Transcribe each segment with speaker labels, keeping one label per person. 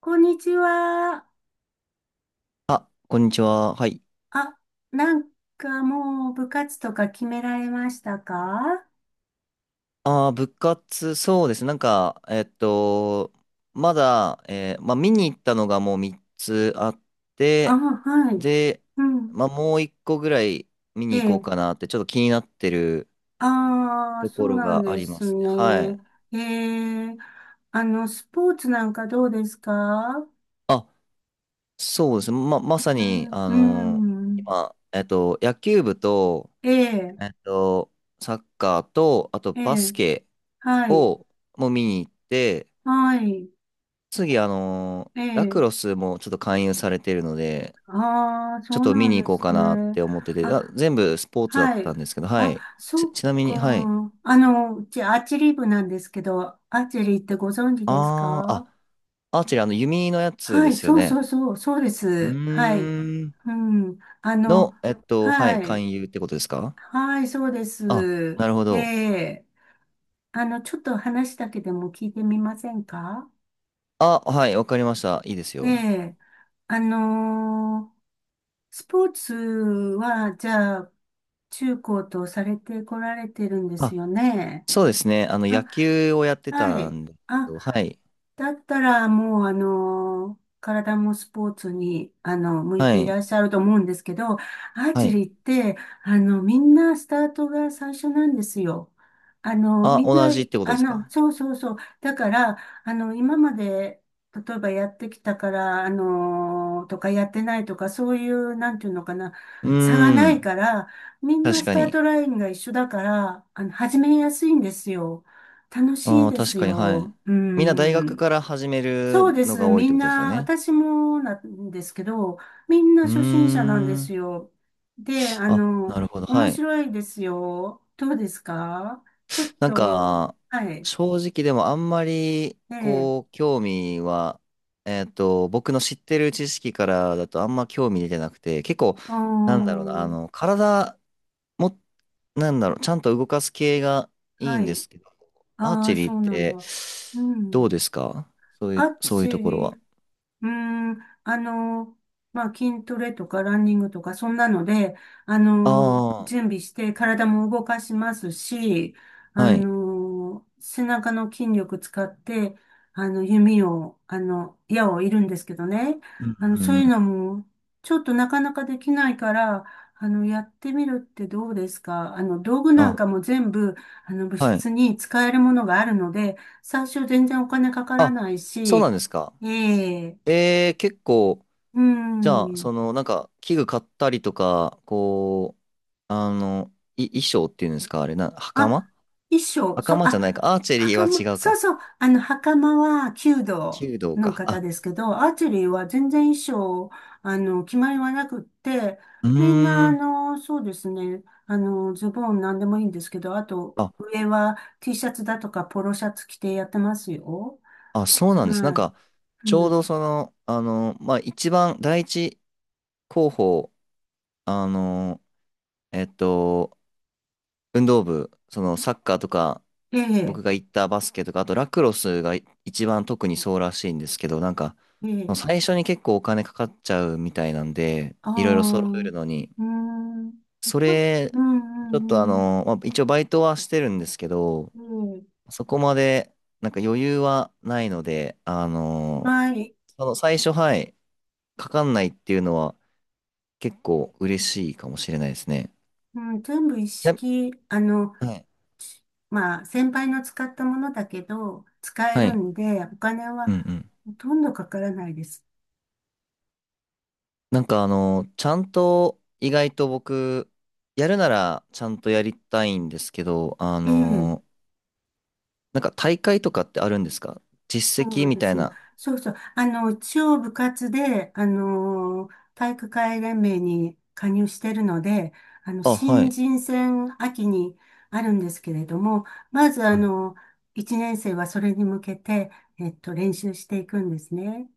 Speaker 1: こんにちは。
Speaker 2: あ、こんにちは。はい。
Speaker 1: あ、なんかもう部活とか決められましたか？
Speaker 2: ああ、部活、そうです。なんか、まだ、まあ、見に行ったのがもう3つあっ
Speaker 1: あ、
Speaker 2: て、
Speaker 1: はい。
Speaker 2: で、
Speaker 1: うん。
Speaker 2: まあ、もう1個ぐらい見
Speaker 1: え
Speaker 2: に行こう
Speaker 1: え。
Speaker 2: かなって、ちょっと気になってる
Speaker 1: ああ、
Speaker 2: と
Speaker 1: そ
Speaker 2: こ
Speaker 1: う
Speaker 2: ろ
Speaker 1: なん
Speaker 2: があ
Speaker 1: で
Speaker 2: りま
Speaker 1: す
Speaker 2: すね。は
Speaker 1: ね。
Speaker 2: い。
Speaker 1: ええ。スポーツなんかどうですか？
Speaker 2: あ、そうです。ま、まさ
Speaker 1: う
Speaker 2: に、
Speaker 1: ん、うん。
Speaker 2: 今、野球部と、
Speaker 1: ええ、
Speaker 2: えっと、サッカーと、あと
Speaker 1: え
Speaker 2: バス
Speaker 1: え。
Speaker 2: ケ
Speaker 1: はい。
Speaker 2: を、もう見に行って、
Speaker 1: はい。
Speaker 2: 次、
Speaker 1: え
Speaker 2: ラクロ
Speaker 1: え。
Speaker 2: スもちょっと勧誘されてるので、
Speaker 1: ああ、そ
Speaker 2: ちょっ
Speaker 1: う
Speaker 2: と
Speaker 1: な
Speaker 2: 見
Speaker 1: ん
Speaker 2: に
Speaker 1: で
Speaker 2: 行こう
Speaker 1: す
Speaker 2: かなっ
Speaker 1: ね。
Speaker 2: て思ってて、
Speaker 1: あ、
Speaker 2: あ、全部スポーツだっ
Speaker 1: はい。
Speaker 2: たんですけど、は
Speaker 1: あ、
Speaker 2: い。ち、
Speaker 1: そっ
Speaker 2: ちなみに、はい。
Speaker 1: か。うちアーチェリー部なんですけど、アーチェリーってご存知です
Speaker 2: あー、
Speaker 1: か？
Speaker 2: あ、アーチェリー、あの、弓のやつ
Speaker 1: は
Speaker 2: で
Speaker 1: い、
Speaker 2: すよ
Speaker 1: そうそ
Speaker 2: ね。
Speaker 1: うそう、そうで
Speaker 2: う
Speaker 1: す。はい。
Speaker 2: ーん。
Speaker 1: うん。
Speaker 2: の、はい、
Speaker 1: はい。
Speaker 2: 勧誘ってことですか？
Speaker 1: はい、そうで
Speaker 2: あ、
Speaker 1: す。
Speaker 2: なるほ
Speaker 1: え
Speaker 2: ど。
Speaker 1: え。ちょっと話だけでも聞いてみませんか？
Speaker 2: あ、はい、わかりました。いいです
Speaker 1: え
Speaker 2: よ。
Speaker 1: え。あのースポーツは、じゃあ、中高とされてこられてるんです
Speaker 2: あ、
Speaker 1: よね。
Speaker 2: そうですね。野
Speaker 1: あ
Speaker 2: 球をやって
Speaker 1: は
Speaker 2: た
Speaker 1: い。
Speaker 2: んですけ
Speaker 1: あ、
Speaker 2: ど、はい、
Speaker 1: だったら、もう、体もスポーツに、向い
Speaker 2: は
Speaker 1: ていら
Speaker 2: い、
Speaker 1: っしゃると思うんですけど、アー
Speaker 2: は
Speaker 1: チェ
Speaker 2: い。
Speaker 1: リーって、みんなスタートが最初なんですよ。
Speaker 2: あ、
Speaker 1: みんな、
Speaker 2: 同じってことですか？
Speaker 1: そうそうそう。だから、今まで、例えばやってきたから、とかやってないとか、そういう、なんていうのかな、
Speaker 2: う
Speaker 1: 差が
Speaker 2: ー
Speaker 1: ない
Speaker 2: ん、
Speaker 1: から、みんな
Speaker 2: 確
Speaker 1: ス
Speaker 2: か
Speaker 1: ター
Speaker 2: に。
Speaker 1: トラインが一緒だから、始めやすいんですよ。楽しい
Speaker 2: ああ、
Speaker 1: で
Speaker 2: 確
Speaker 1: す
Speaker 2: かに、はい。
Speaker 1: よ。う
Speaker 2: みんな大学
Speaker 1: ん。
Speaker 2: から始め
Speaker 1: そう
Speaker 2: る
Speaker 1: で
Speaker 2: の
Speaker 1: す。
Speaker 2: が多いっ
Speaker 1: み
Speaker 2: て
Speaker 1: ん
Speaker 2: ことですよ
Speaker 1: な、
Speaker 2: ね。
Speaker 1: 私もなんですけど、みんな
Speaker 2: うー
Speaker 1: 初心者なんです
Speaker 2: ん。
Speaker 1: よ。で、
Speaker 2: あ、なるほど。
Speaker 1: 面
Speaker 2: はい。
Speaker 1: 白いですよ。どうですか？ちょっ
Speaker 2: なん
Speaker 1: と、
Speaker 2: か、
Speaker 1: はい。
Speaker 2: 正直でもあんまり、
Speaker 1: ええ、
Speaker 2: こう、興味は、僕の知ってる知識からだとあんま興味出てなくて、結構、
Speaker 1: あ
Speaker 2: なんだろうな、
Speaker 1: ー、
Speaker 2: 体も、なんだろう、ちゃんと動かす系がいい
Speaker 1: は
Speaker 2: んで
Speaker 1: い。
Speaker 2: すけど、アー
Speaker 1: あ
Speaker 2: チェ
Speaker 1: あ、
Speaker 2: リー
Speaker 1: そ
Speaker 2: っ
Speaker 1: うなん
Speaker 2: て、
Speaker 1: だ。う
Speaker 2: ど
Speaker 1: ん。
Speaker 2: うですか？そうい
Speaker 1: ア
Speaker 2: う、
Speaker 1: ー
Speaker 2: そういう
Speaker 1: チ
Speaker 2: と
Speaker 1: ェ
Speaker 2: ころ
Speaker 1: リう
Speaker 2: は。
Speaker 1: ーん、あの、まあ、筋トレとかランニングとか、そんなので、
Speaker 2: あ
Speaker 1: 準備して体も動かしますし、
Speaker 2: あ、はい。
Speaker 1: 背中の筋力使って、弓を、矢を射るんですけどね。
Speaker 2: うんう
Speaker 1: そう
Speaker 2: んう
Speaker 1: いう
Speaker 2: ん、
Speaker 1: のも、ちょっとなかなかできないから、やってみるってどうですか？道具なん
Speaker 2: あ、
Speaker 1: かも全部、部
Speaker 2: はい。
Speaker 1: 室に使えるものがあるので、最初全然お金かから
Speaker 2: あ、
Speaker 1: ない
Speaker 2: そうなん
Speaker 1: し、
Speaker 2: ですか。
Speaker 1: ええ、
Speaker 2: 結構、
Speaker 1: うー
Speaker 2: じゃあ、そ
Speaker 1: ん。
Speaker 2: の、なんか、器具買ったりとか、こう、衣装っていうんですか、あれな、
Speaker 1: あ、
Speaker 2: 袴
Speaker 1: 衣装、そう、
Speaker 2: 袴じゃない
Speaker 1: あ、
Speaker 2: か。アーチェリーは
Speaker 1: 袴、
Speaker 2: 違う
Speaker 1: そう
Speaker 2: か。
Speaker 1: そう、袴は弓道
Speaker 2: 弓道
Speaker 1: の
Speaker 2: か。
Speaker 1: 方
Speaker 2: あ、
Speaker 1: ですけど、アーチェリーは全然衣装、決まりはなくって、
Speaker 2: う
Speaker 1: みんな、
Speaker 2: ーん。
Speaker 1: そうですね、ズボンなんでもいいんですけど、あと、
Speaker 2: あ、
Speaker 1: 上は T シャツだとかポロシャツ着てやってますよ。
Speaker 2: あ、そうなんです。なん
Speaker 1: はい。
Speaker 2: か、
Speaker 1: う
Speaker 2: ちょう
Speaker 1: ん。
Speaker 2: どその、まあ、一番、第一候補、あの、えっと、運動部、その、サッカーとか、
Speaker 1: え
Speaker 2: 僕
Speaker 1: え、
Speaker 2: が行ったバスケとか、あとラクロスが一番特にそうらしいんですけど、なんか、
Speaker 1: ええ、
Speaker 2: 最初に結構お金かかっちゃうみたいなんで、
Speaker 1: ああ、
Speaker 2: いろいろ揃え
Speaker 1: う
Speaker 2: るのに、
Speaker 1: ーん。
Speaker 2: そ
Speaker 1: あ
Speaker 2: れ、
Speaker 1: う
Speaker 2: ちょっと
Speaker 1: ん、うん、
Speaker 2: まあ、一応バイトはしてるんですけど、
Speaker 1: うん。うん、
Speaker 2: そこまで、なんか余裕はないので、
Speaker 1: はい。
Speaker 2: その最初、はい、かかんないっていうのは結構嬉しいかもしれないですね。
Speaker 1: うん、全部一
Speaker 2: や
Speaker 1: 式、
Speaker 2: はい。
Speaker 1: ちまあ、先輩の使ったものだけど、使え
Speaker 2: は
Speaker 1: る
Speaker 2: い。
Speaker 1: んで、お金
Speaker 2: う
Speaker 1: は
Speaker 2: んうん、
Speaker 1: ほとんどかからないです。
Speaker 2: なんかちゃんと意外と僕、やるならちゃんとやりたいんですけど、
Speaker 1: ええ、
Speaker 2: なんか大会とかってあるんですか？実
Speaker 1: そ
Speaker 2: 績
Speaker 1: う
Speaker 2: み
Speaker 1: で
Speaker 2: た
Speaker 1: す
Speaker 2: い
Speaker 1: ね。
Speaker 2: な。
Speaker 1: そうそう。一応部活で、体育会連盟に加入してるので、
Speaker 2: あ、は
Speaker 1: 新
Speaker 2: い。
Speaker 1: 人戦秋にあるんですけれども、まず、
Speaker 2: うん、
Speaker 1: 1年生はそれに向けて、練習していくんですね。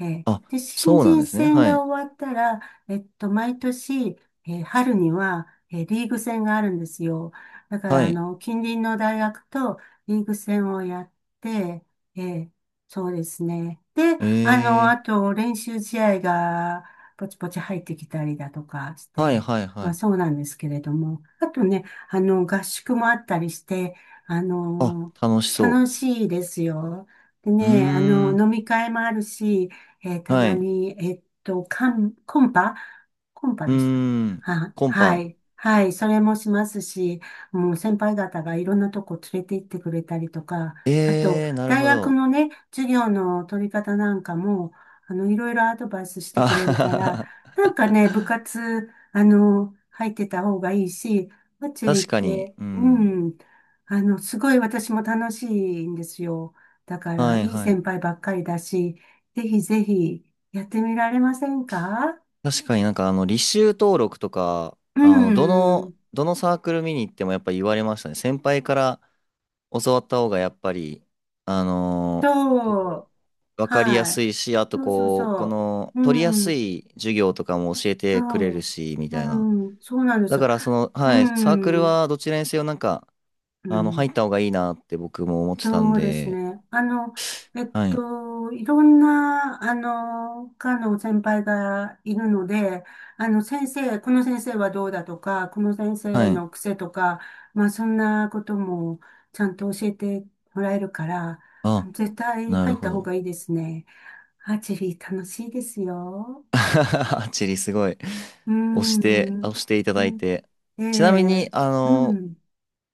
Speaker 2: あ、
Speaker 1: で、新
Speaker 2: そうなん
Speaker 1: 人
Speaker 2: ですね。
Speaker 1: 戦
Speaker 2: は
Speaker 1: が
Speaker 2: い。
Speaker 1: 終わったら、毎年、春には、リーグ戦があるんですよ。だから、
Speaker 2: はい。
Speaker 1: 近隣の大学とリーグ戦をやって、えーそうですね。で、
Speaker 2: え
Speaker 1: あ
Speaker 2: ー。
Speaker 1: と、練習試合が、ポチポチ入ってきたりだとかし
Speaker 2: はい
Speaker 1: て、
Speaker 2: はいは
Speaker 1: まあそう
Speaker 2: い。
Speaker 1: なんですけれども、あとね、合宿もあったりして、あ
Speaker 2: あ、
Speaker 1: の、
Speaker 2: 楽しそ
Speaker 1: 楽しいですよ。で
Speaker 2: う。う
Speaker 1: ね、
Speaker 2: ーん。
Speaker 1: 飲み会もあるし、た
Speaker 2: は
Speaker 1: ま
Speaker 2: い。う
Speaker 1: に、コンパ
Speaker 2: ー
Speaker 1: でした。
Speaker 2: ん。
Speaker 1: あ、
Speaker 2: コン
Speaker 1: は
Speaker 2: パ。
Speaker 1: い。はい。それもしますし、もう先輩方がいろんなとこ連れて行ってくれたりとか、あと、
Speaker 2: えー、なる
Speaker 1: 大
Speaker 2: ほ
Speaker 1: 学
Speaker 2: ど。
Speaker 1: のね、授業の取り方なんかも、いろいろアドバイスして
Speaker 2: あ
Speaker 1: くれ
Speaker 2: は
Speaker 1: る
Speaker 2: は
Speaker 1: から、
Speaker 2: は
Speaker 1: なんかね、部
Speaker 2: は、
Speaker 1: 活、入ってた方がいいし、バッチリっ
Speaker 2: 確かに。
Speaker 1: て、
Speaker 2: う
Speaker 1: う
Speaker 2: ん。
Speaker 1: ん、すごい私も楽しいんですよ。だから、
Speaker 2: は
Speaker 1: い
Speaker 2: い
Speaker 1: い
Speaker 2: はい。
Speaker 1: 先輩ばっかりだし、ぜひぜひやってみられませんか？
Speaker 2: 確かになんか履修登録とか、
Speaker 1: うん。
Speaker 2: どのサークル見に行ってもやっぱり言われましたね。先輩から教わった方がやっぱり、結
Speaker 1: そ
Speaker 2: 構
Speaker 1: う。
Speaker 2: わかりや
Speaker 1: は
Speaker 2: す
Speaker 1: い。
Speaker 2: いし、あと
Speaker 1: そうそう
Speaker 2: こう、こ
Speaker 1: そ
Speaker 2: の、
Speaker 1: う。
Speaker 2: 取りや
Speaker 1: う
Speaker 2: す
Speaker 1: ん。
Speaker 2: い授業とかも教えてくれ
Speaker 1: そ
Speaker 2: る
Speaker 1: う。
Speaker 2: し、みたいな。
Speaker 1: うん。そうなんで
Speaker 2: だ
Speaker 1: すよ。
Speaker 2: からその、
Speaker 1: う
Speaker 2: はい、サークル
Speaker 1: ん。
Speaker 2: はどちらにせよなんか、
Speaker 1: うん。
Speaker 2: 入った方がいいなって僕も思ってたん
Speaker 1: そうです
Speaker 2: で、
Speaker 1: ね。
Speaker 2: はい、
Speaker 1: いろんな、科の先輩がいるので、先生、この先生はどうだとか、この先
Speaker 2: は
Speaker 1: 生
Speaker 2: い。
Speaker 1: の癖とか、まあ、そんなこともちゃんと教えてもらえるから、
Speaker 2: あ、
Speaker 1: 絶対
Speaker 2: な
Speaker 1: 入
Speaker 2: る
Speaker 1: っ
Speaker 2: ほ
Speaker 1: た方
Speaker 2: ど。
Speaker 1: がいいですね。アーチェリー楽しいですよ。
Speaker 2: アーチェリーすごい。
Speaker 1: う
Speaker 2: 押して、
Speaker 1: ん、
Speaker 2: 押していた
Speaker 1: う
Speaker 2: だい
Speaker 1: ん、
Speaker 2: て。
Speaker 1: え
Speaker 2: ちなみに、
Speaker 1: え、うん、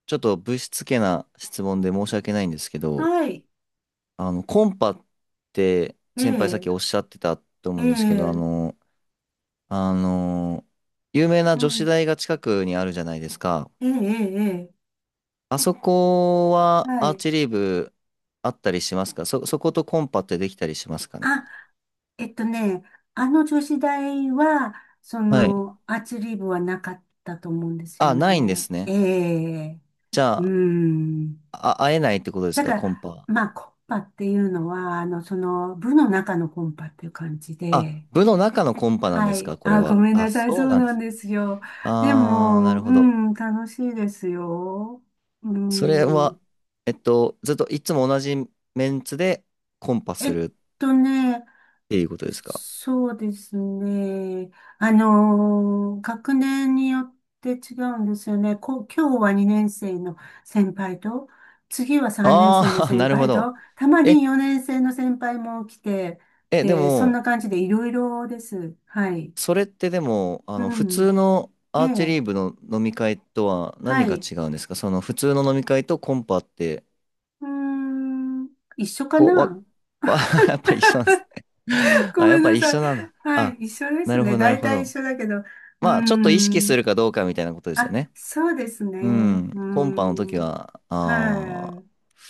Speaker 2: ちょっとぶしつけな質問で申し訳ないんですけど、
Speaker 1: はい、
Speaker 2: コンパって
Speaker 1: え
Speaker 2: 先輩さっきおっ
Speaker 1: え、
Speaker 2: しゃってたと思
Speaker 1: え
Speaker 2: うんですけど、
Speaker 1: え、
Speaker 2: あの、有名な
Speaker 1: う
Speaker 2: 女子
Speaker 1: ん、
Speaker 2: 大が近くにあるじゃないですか。
Speaker 1: ええ、ええ、え
Speaker 2: あそこ
Speaker 1: え、
Speaker 2: は
Speaker 1: は
Speaker 2: アー
Speaker 1: い。
Speaker 2: チェリー部あったりしますか？そことコンパってできたりしますかね？
Speaker 1: あ、えっとね、あの女子大は、そ
Speaker 2: はい。
Speaker 1: の、アーチェリー部はなかったと思うんですよ
Speaker 2: あ、ないんで
Speaker 1: ね。
Speaker 2: す
Speaker 1: え
Speaker 2: ね。
Speaker 1: え、
Speaker 2: じゃ
Speaker 1: う
Speaker 2: あ、
Speaker 1: ん。
Speaker 2: あ、会えないってことです
Speaker 1: だ
Speaker 2: か、
Speaker 1: か
Speaker 2: コン
Speaker 1: ら、
Speaker 2: パは。
Speaker 1: まあ、コンパっていうのは、その、部の中のコンパっていう感じ
Speaker 2: あ、
Speaker 1: で、
Speaker 2: 部の中のコンパなんで
Speaker 1: は
Speaker 2: す
Speaker 1: い。
Speaker 2: か、これ
Speaker 1: あ、ご
Speaker 2: は。
Speaker 1: めん
Speaker 2: あ、
Speaker 1: なさい。
Speaker 2: そ
Speaker 1: そ
Speaker 2: う
Speaker 1: う
Speaker 2: なんで
Speaker 1: なん
Speaker 2: す。
Speaker 1: ですよ。で
Speaker 2: あー、な
Speaker 1: も、
Speaker 2: る
Speaker 1: う
Speaker 2: ほど。
Speaker 1: ん、楽しいですよ。う
Speaker 2: それ
Speaker 1: ん。
Speaker 2: は、ずっといつも同じメンツでコンパ
Speaker 1: え
Speaker 2: す
Speaker 1: っ
Speaker 2: るっ
Speaker 1: とね、
Speaker 2: ていうことですか。
Speaker 1: そうですね。学年によって違うんですよね。今日は2年生の先輩と、次は3年生の
Speaker 2: あー、
Speaker 1: 先
Speaker 2: なるほ
Speaker 1: 輩
Speaker 2: ど。
Speaker 1: と、たま
Speaker 2: え、
Speaker 1: に4年生の先輩も来て、
Speaker 2: で
Speaker 1: で、そんな
Speaker 2: も、
Speaker 1: 感じでいろいろです。はい。
Speaker 2: それってでも、
Speaker 1: う
Speaker 2: 普
Speaker 1: ん。
Speaker 2: 通の
Speaker 1: え
Speaker 2: アーチェ
Speaker 1: え。
Speaker 2: リー部の飲み会とは
Speaker 1: は
Speaker 2: 何が
Speaker 1: い。
Speaker 2: 違うんですか？その普通の飲み会とコンパって、
Speaker 1: うーん。一緒か
Speaker 2: こう、
Speaker 1: な？
Speaker 2: わ、やっぱり一緒なんです ね。
Speaker 1: ご
Speaker 2: あ、や
Speaker 1: め
Speaker 2: っ
Speaker 1: ん
Speaker 2: ぱ
Speaker 1: な
Speaker 2: り一
Speaker 1: さい。
Speaker 2: 緒なんだ。
Speaker 1: はい。
Speaker 2: あ、
Speaker 1: 一緒で
Speaker 2: な
Speaker 1: す
Speaker 2: るほ
Speaker 1: ね。
Speaker 2: ど、なる
Speaker 1: 大
Speaker 2: ほ
Speaker 1: 体
Speaker 2: ど。
Speaker 1: 一緒だけど。うー
Speaker 2: まあ、ちょっと意識す
Speaker 1: ん。
Speaker 2: るかどうかみたいなことですよ
Speaker 1: あ、
Speaker 2: ね。
Speaker 1: そうです
Speaker 2: う
Speaker 1: ね。
Speaker 2: ん。
Speaker 1: う
Speaker 2: コンパの時
Speaker 1: ん。
Speaker 2: は、ああ、
Speaker 1: は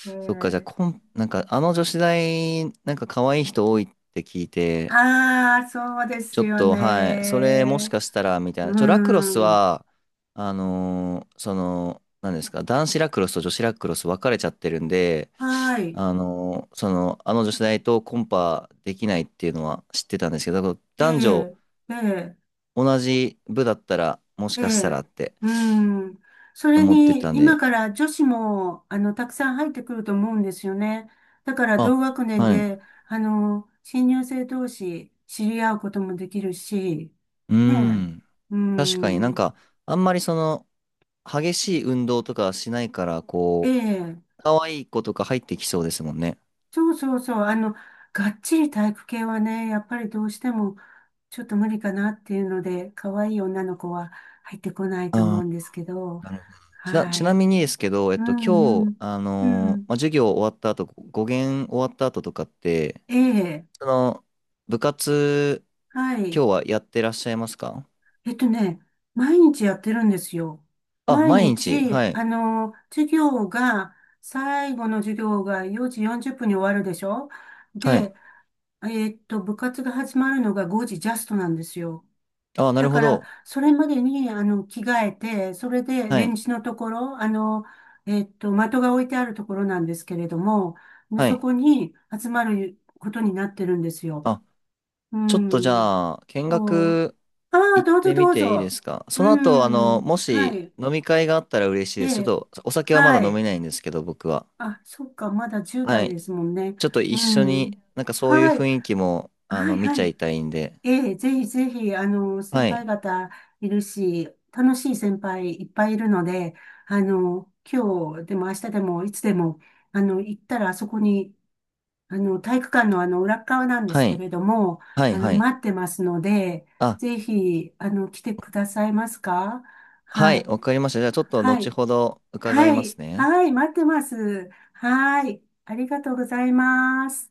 Speaker 1: い。え
Speaker 2: そっか、じゃあ、
Speaker 1: え。
Speaker 2: なんか、あの女子大、なんか可愛い人多いって聞いて、
Speaker 1: ああ、そうで
Speaker 2: ちょ
Speaker 1: す
Speaker 2: っ
Speaker 1: よ
Speaker 2: と、はい、それもし
Speaker 1: ね。
Speaker 2: かしたら、みたいな。
Speaker 1: う
Speaker 2: ラクロス
Speaker 1: ん。
Speaker 2: は、その、何ですか、男子ラクロスと女子ラクロス分かれちゃってるんで、
Speaker 1: はい。
Speaker 2: その、あの女子大とコンパできないっていうのは知ってたんですけど、だから
Speaker 1: え
Speaker 2: 男女
Speaker 1: え、ええ、
Speaker 2: 同じ部だったら、もし
Speaker 1: え
Speaker 2: かしたら
Speaker 1: え。
Speaker 2: って。
Speaker 1: うん。それ
Speaker 2: 思って
Speaker 1: に、
Speaker 2: たん
Speaker 1: 今
Speaker 2: で。
Speaker 1: から女子も、たくさん入ってくると思うんですよね。だから、同
Speaker 2: あ、
Speaker 1: 学年
Speaker 2: はい。
Speaker 1: で、新入生同士、知り合うこともできるし、
Speaker 2: うー
Speaker 1: ねえ。
Speaker 2: ん。
Speaker 1: う
Speaker 2: 確かになん
Speaker 1: ん。
Speaker 2: か、あんまりその、激しい運動とかしないから、
Speaker 1: え
Speaker 2: こ
Speaker 1: え。
Speaker 2: う、可愛い子とか入ってきそうですもんね。
Speaker 1: そうそうそう。がっちり体育系はね、やっぱりどうしてもちょっと無理かなっていうので、可愛い女の子は入ってこないと思う
Speaker 2: あ
Speaker 1: んですけど、
Speaker 2: あ、なるほど。ちな、
Speaker 1: は
Speaker 2: ちな
Speaker 1: い。
Speaker 2: みにですけど、
Speaker 1: う
Speaker 2: 今
Speaker 1: んう
Speaker 2: 日、
Speaker 1: ん。う
Speaker 2: まあ、
Speaker 1: ん。
Speaker 2: 授業終わった後、語源終わった後とかって、
Speaker 1: ええ。
Speaker 2: その、部活、
Speaker 1: はい。
Speaker 2: 今日はやってらっしゃいますか？
Speaker 1: えっとね、毎日やってるんですよ。
Speaker 2: あ、
Speaker 1: 毎
Speaker 2: 毎日、
Speaker 1: 日、
Speaker 2: はい、
Speaker 1: 授業が、最後の授業が4時40分に終わるでしょ？
Speaker 2: はい。
Speaker 1: で、部活が始まるのが5時ジャストなんですよ。
Speaker 2: あ、な
Speaker 1: だ
Speaker 2: るほ
Speaker 1: から、
Speaker 2: ど。
Speaker 1: それまでに、着替えて、それで、
Speaker 2: は
Speaker 1: レン
Speaker 2: い、
Speaker 1: ジのところ、的が置いてあるところなんですけれども、
Speaker 2: は
Speaker 1: そ
Speaker 2: い。
Speaker 1: こに集まることになってるんですよ。
Speaker 2: あ、
Speaker 1: う
Speaker 2: ちょっとじ
Speaker 1: ん。
Speaker 2: ゃあ、見
Speaker 1: そう、
Speaker 2: 学
Speaker 1: ああ、
Speaker 2: 行っ
Speaker 1: どうぞ
Speaker 2: てみ
Speaker 1: どう
Speaker 2: ていいで
Speaker 1: ぞ。
Speaker 2: すか？
Speaker 1: う
Speaker 2: その後、
Speaker 1: ん。
Speaker 2: も
Speaker 1: は
Speaker 2: し
Speaker 1: い。
Speaker 2: 飲み会があったら嬉しい
Speaker 1: え
Speaker 2: です。ちょっ
Speaker 1: え。
Speaker 2: とお酒はま
Speaker 1: は
Speaker 2: だ飲
Speaker 1: い。
Speaker 2: めないんですけど、僕は。
Speaker 1: あ、そっか、まだ
Speaker 2: は
Speaker 1: 10代
Speaker 2: い。
Speaker 1: ですもんね。
Speaker 2: ちょっと
Speaker 1: う
Speaker 2: 一緒に、
Speaker 1: ん。
Speaker 2: なんかそういう
Speaker 1: はい。
Speaker 2: 雰囲気も、
Speaker 1: はい、
Speaker 2: 見ち
Speaker 1: は
Speaker 2: ゃ
Speaker 1: い。
Speaker 2: いたいんで。
Speaker 1: ええ、ぜひぜひ、先
Speaker 2: は
Speaker 1: 輩
Speaker 2: い。
Speaker 1: 方いるし、楽しい先輩いっぱいいるので、今日でも明日でもいつでも、行ったらあそこに、体育館のあの、裏っ側なんで
Speaker 2: は
Speaker 1: すけ
Speaker 2: い。
Speaker 1: れども、
Speaker 2: はい。はい。
Speaker 1: 待ってますので、
Speaker 2: あ、
Speaker 1: ぜひ、来てくださいますか？
Speaker 2: は
Speaker 1: は
Speaker 2: い。
Speaker 1: い。
Speaker 2: わかりました。じゃあちょっと
Speaker 1: は
Speaker 2: 後
Speaker 1: い。
Speaker 2: ほど伺い
Speaker 1: は
Speaker 2: ます
Speaker 1: い。
Speaker 2: ね。
Speaker 1: はい。待ってます。はい。ありがとうございます。